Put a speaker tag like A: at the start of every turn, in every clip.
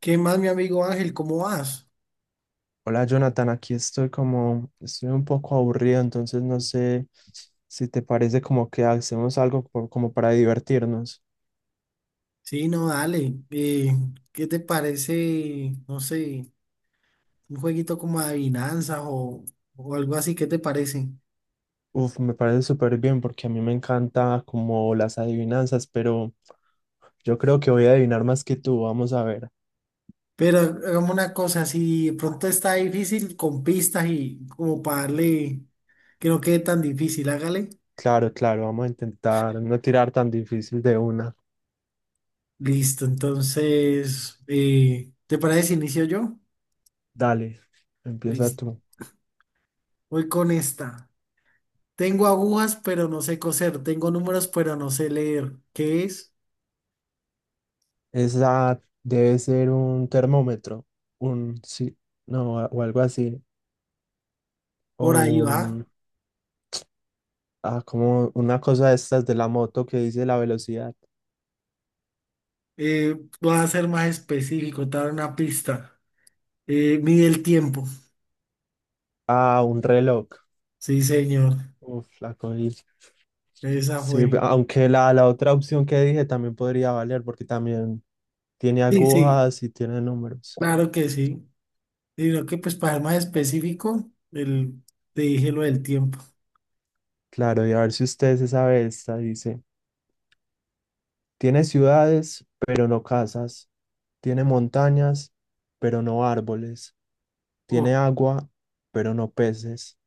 A: ¿Qué más, mi amigo Ángel? ¿Cómo vas?
B: Hola Jonathan, aquí estoy como, estoy un poco aburrido, entonces no sé si te parece como que hacemos algo como para divertirnos.
A: Sí, no, dale. ¿Qué te parece, no sé, un jueguito como adivinanzas o algo así? ¿Qué te parece?
B: Uf, me parece súper bien porque a mí me encanta como las adivinanzas, pero yo creo que voy a adivinar más que tú, vamos a ver.
A: Pero hagamos una cosa, si de pronto está difícil con pistas y como para darle que no quede tan difícil, hágale.
B: Claro, claro, vamos a intentar no tirar tan difícil de una.
A: Listo, entonces, ¿te parece si inicio yo?
B: Dale, empieza
A: Listo.
B: tú.
A: Voy con esta. Tengo agujas, pero no sé coser. Tengo números, pero no sé leer. ¿Qué es?
B: Esa debe ser un termómetro, un sí, no, o algo así, o
A: Por ahí va.
B: un... Ah, como una cosa de estas de la moto que dice la velocidad.
A: Eh, voy a ser más específico, te voy a dar una pista. Mide el tiempo.
B: Ah, un reloj.
A: Sí, señor.
B: Uf, la cogí.
A: Esa
B: Sí,
A: fue.
B: aunque la otra opción que dije también podría valer porque también tiene
A: Sí, sí,
B: agujas y tiene números.
A: claro que sí. Sino que pues para ser más específico, el, te dije lo del tiempo.
B: Claro, y a ver si usted se sabe esta. Dice, tiene ciudades, pero no casas. Tiene montañas, pero no árboles. Tiene
A: Oh,
B: agua, pero no peces.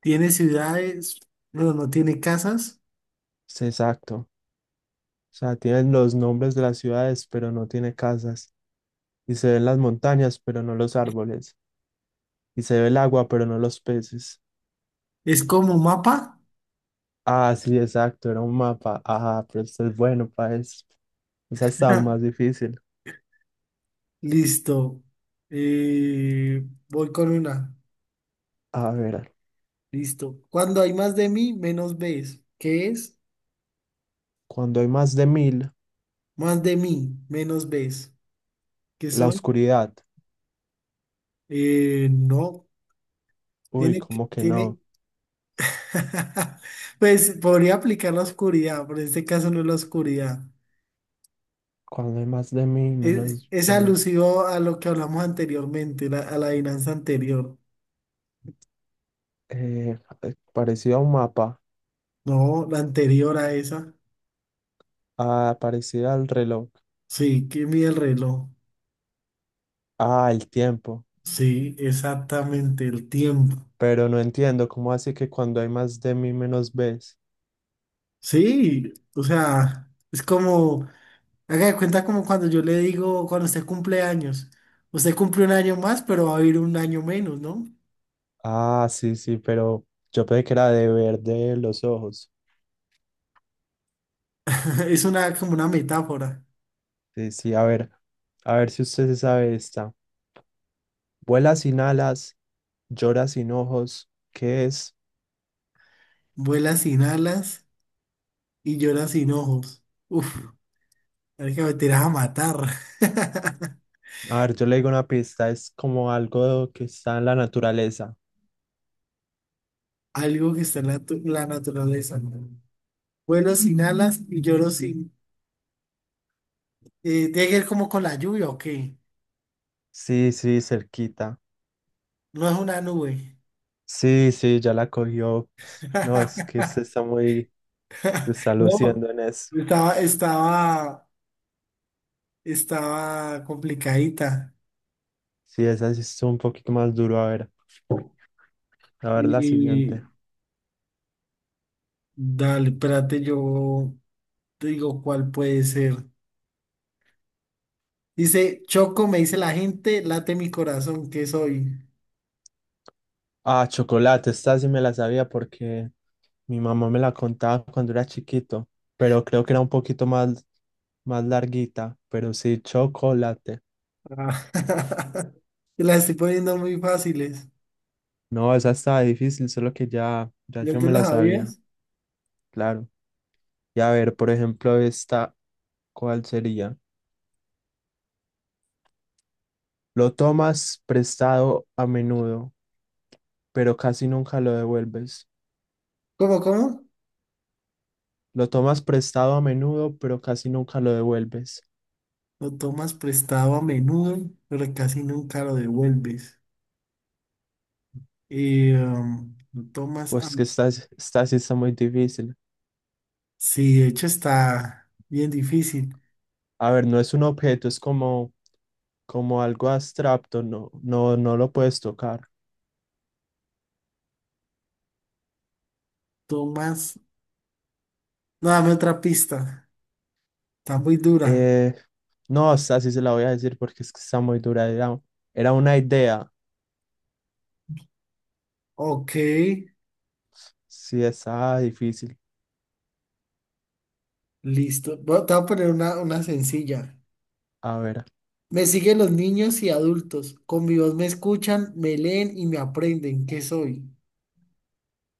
A: tiene ciudades, no, no tiene casas.
B: Sí, exacto. O sea, tienen los nombres de las ciudades, pero no tiene casas, y se ven las montañas, pero no los árboles, y se ve el agua, pero no los peces.
A: Es como mapa.
B: Ah, sí, exacto, era un mapa. Ah, pero esto es bueno para eso. Esa está aún más difícil.
A: Listo. Voy con una.
B: A ver,
A: Listo. Cuando hay más de mí, menos ves. ¿Qué es?
B: cuando hay más de mil,
A: Más de mí, menos ves. ¿Qué
B: la
A: soy?
B: oscuridad.
A: No,
B: Uy,
A: tiene que,
B: ¿cómo que
A: tiene,
B: no?
A: pues podría aplicar la oscuridad, pero en este caso no es la oscuridad.
B: Cuando hay más de mil,
A: Es,
B: menos
A: es
B: ves.
A: alusivo a lo que hablamos anteriormente, a la adivinanza anterior.
B: Eh, parecido a un mapa.
A: No, la anterior a esa.
B: Ah, parecido al reloj.
A: Sí, que mide el reloj.
B: Ah, el tiempo.
A: Sí, exactamente, el tiempo.
B: Pero no entiendo, ¿cómo así que cuando hay más de mil, menos ves?
A: Sí, o sea, es como, haga de cuenta como cuando yo le digo, cuando usted cumple años, usted cumple un año más, pero va a vivir un año menos, ¿no?
B: Ah, sí, sí, pero yo pensé que era de verde los ojos.
A: Es una como una metáfora.
B: Sí, sí, a ver si usted se sabe esta. Vuela sin alas, llora sin ojos. ¿Qué es?
A: Vuela sin alas y llora sin ojos. Uf, hay que meter a matar.
B: A ver, yo le digo una pista, es como algo que está en la naturaleza.
A: Algo que está en la, la naturaleza. ¿No? Vuelo sin alas y lloro sin. Tiene que ver como con la lluvia, ¿o qué?
B: Sí, sí, cerquita.
A: No es una nube.
B: Sí, sí, ya la cogió. No, es que usted está muy, se está
A: No,
B: luciendo en eso.
A: estaba, estaba, estaba complicadita.
B: Sí, esa sí es un poquito más duro. A ver la
A: Y
B: siguiente.
A: dale, espérate, yo te digo cuál puede ser. Dice, Choco, me dice la gente, late mi corazón, ¿qué soy?
B: Ah, chocolate, esta sí me la sabía porque mi mamá me la contaba cuando era chiquito, pero creo que era un poquito más, más larguita, pero sí, chocolate.
A: Ah, te las estoy poniendo muy fáciles.
B: No, esa estaba difícil, solo que ya, ya
A: ¿Ya
B: yo
A: te
B: me
A: las
B: la sabía,
A: sabías?
B: claro. Y a ver, por ejemplo, esta, ¿cuál sería? Lo tomas prestado a menudo, pero casi nunca lo devuelves.
A: ¿Cómo, cómo?
B: Lo tomas prestado a menudo, pero casi nunca lo devuelves.
A: Lo tomas prestado a menudo, pero casi nunca lo devuelves. Y, lo tomas a...
B: Pues que esta sí está muy difícil.
A: Sí, de hecho está bien difícil.
B: A ver, no es un objeto, es como como algo abstracto, no, no, no lo puedes tocar.
A: Tomas... No, dame otra pista. Está muy dura.
B: Eh, no, hasta así se la voy a decir porque es que está muy dura. Era, era una idea.
A: Ok,
B: Sí, está difícil.
A: listo. Bueno, te voy a poner una sencilla.
B: A ver,
A: Me siguen los niños y adultos. Con mi voz me escuchan, me leen y me aprenden. ¿Qué soy?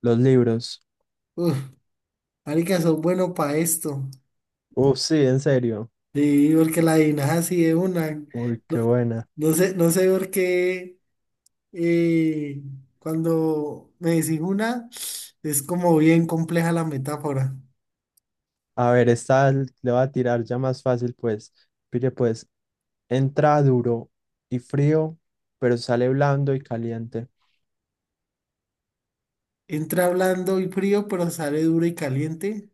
B: los libros.
A: Uf, marica, son bueno para esto.
B: Sí, en serio.
A: Sí, porque la adivinas así de una.
B: Uy,
A: No,
B: qué buena.
A: no sé por qué eh, cuando me decís una, es como bien compleja la metáfora.
B: A ver, esta le va a tirar ya más fácil, pues. Pide, pues, entra duro y frío, pero sale blando y caliente.
A: Entra blando y frío, pero sale duro y caliente.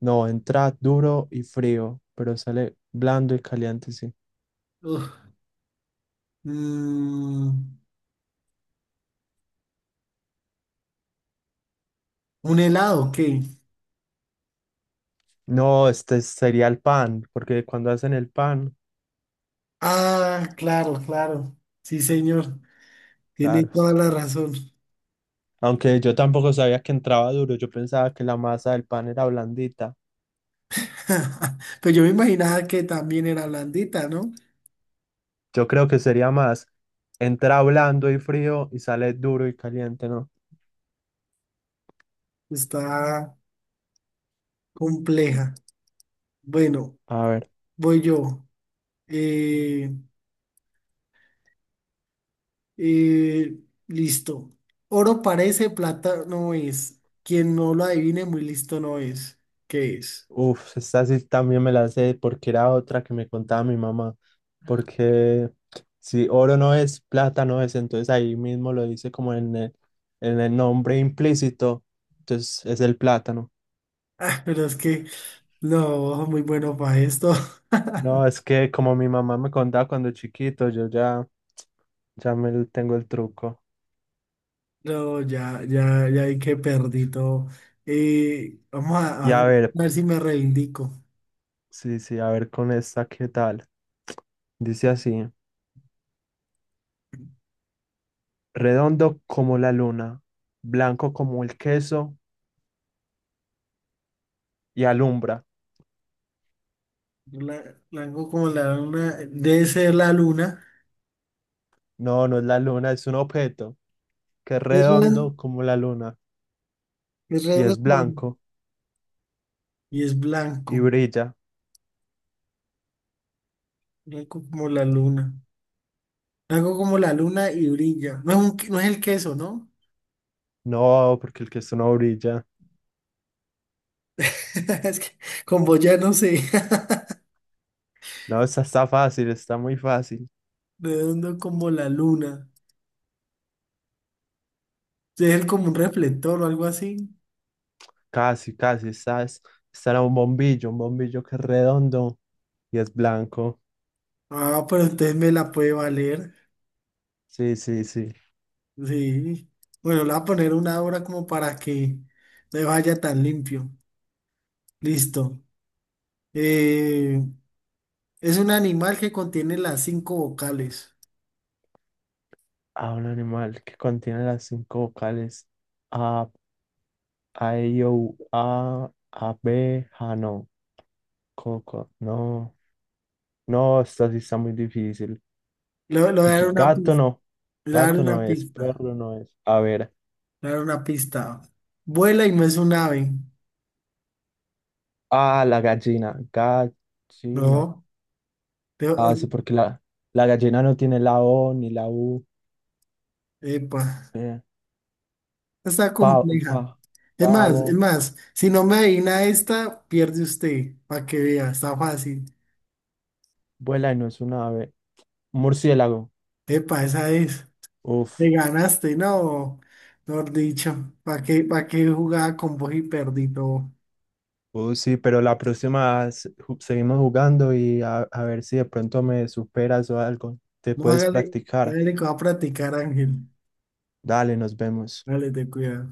B: No, entra duro y frío, pero sale blando y caliente, sí.
A: Uf, mm, un helado, ¿qué?
B: No, este sería el pan, porque cuando hacen el pan,
A: Ah, claro, claro. Sí, señor. Tiene
B: claro.
A: toda la razón.
B: Aunque yo tampoco sabía que entraba duro, yo pensaba que la masa del pan era blandita.
A: Pero yo me imaginaba que también era blandita, ¿no?
B: Yo creo que sería más, entra blando y frío y sale duro y caliente, ¿no?
A: Está compleja. Bueno,
B: A ver,
A: voy yo. Eh, eh, listo. Oro parece, plata no es. Quien no lo adivine, muy listo no es. ¿Qué es?
B: uff, esta sí también me la sé porque era otra que me contaba mi mamá, porque si oro no es, plata no es, entonces ahí mismo lo dice como en el nombre implícito, entonces es el plátano.
A: Ah, pero es que no, muy bueno para esto.
B: No, es que como mi mamá me contaba cuando chiquito, yo ya, ya me le tengo el truco.
A: No, ya, ya, ya hay que perdí todo. Vamos
B: Y
A: a
B: a ver,
A: ver si me reivindico.
B: sí, sí, a ver con esta, ¿qué tal? Dice así, redondo como la luna, blanco como el queso y alumbra.
A: La hago como la luna, debe ser la luna.
B: No, no es la luna, es un objeto que es
A: Es redondo,
B: redondo como la luna
A: es
B: y
A: redondo
B: es
A: como
B: blanco
A: y es
B: y
A: blanco,
B: brilla.
A: blanco como la luna. La hago como la luna y brilla. No es, no es el queso, ¿no?
B: No, porque el queso no brilla.
A: Es que como ya no sé.
B: No, esta está fácil, está muy fácil.
A: Redondo como la luna. Sí, es el como un reflector o algo así.
B: Casi, casi, esta es... Este era un bombillo que es redondo y es blanco.
A: Ah, pero entonces me la puede valer.
B: Sí, sí, sí.
A: Sí. Bueno, le voy a poner una hora como para que no vaya tan limpio. Listo. Eh, Es un animal que contiene las cinco vocales.
B: A un animal que contiene las cinco vocales. A, A, I, O, U, A, B, A, no. Coco, no. No, esta sí está muy difícil.
A: Lo voy a dar una
B: Gato
A: pista.
B: no.
A: Le voy a dar
B: Gato no
A: una
B: es,
A: pista.
B: perro no es. A ver.
A: Le voy a dar una pista. Vuela y no es un ave.
B: Ah, la gallina. Gallina.
A: No. Te-
B: Ah, sí, porque la gallina no tiene la O ni la U.
A: Epa.
B: Eh,
A: Está
B: Pa-
A: compleja.
B: pa-
A: Es más, es
B: pavo,
A: más. Si no me adivina esta, pierde usted. Para que vea. Está fácil.
B: vuela y no es una ave. Murciélago.
A: Epa, esa es. Me
B: Uf.
A: ganaste. No. Mejor dicho. Para qué jugaba con vos y perdí todo?
B: Sí, pero la próxima seguimos jugando y a ver si de pronto me superas o algo. Te
A: No,
B: puedes
A: hágale.
B: practicar.
A: Hágale que va a practicar, Ángel.
B: Dale, nos vemos.
A: Hágale, te cuidado.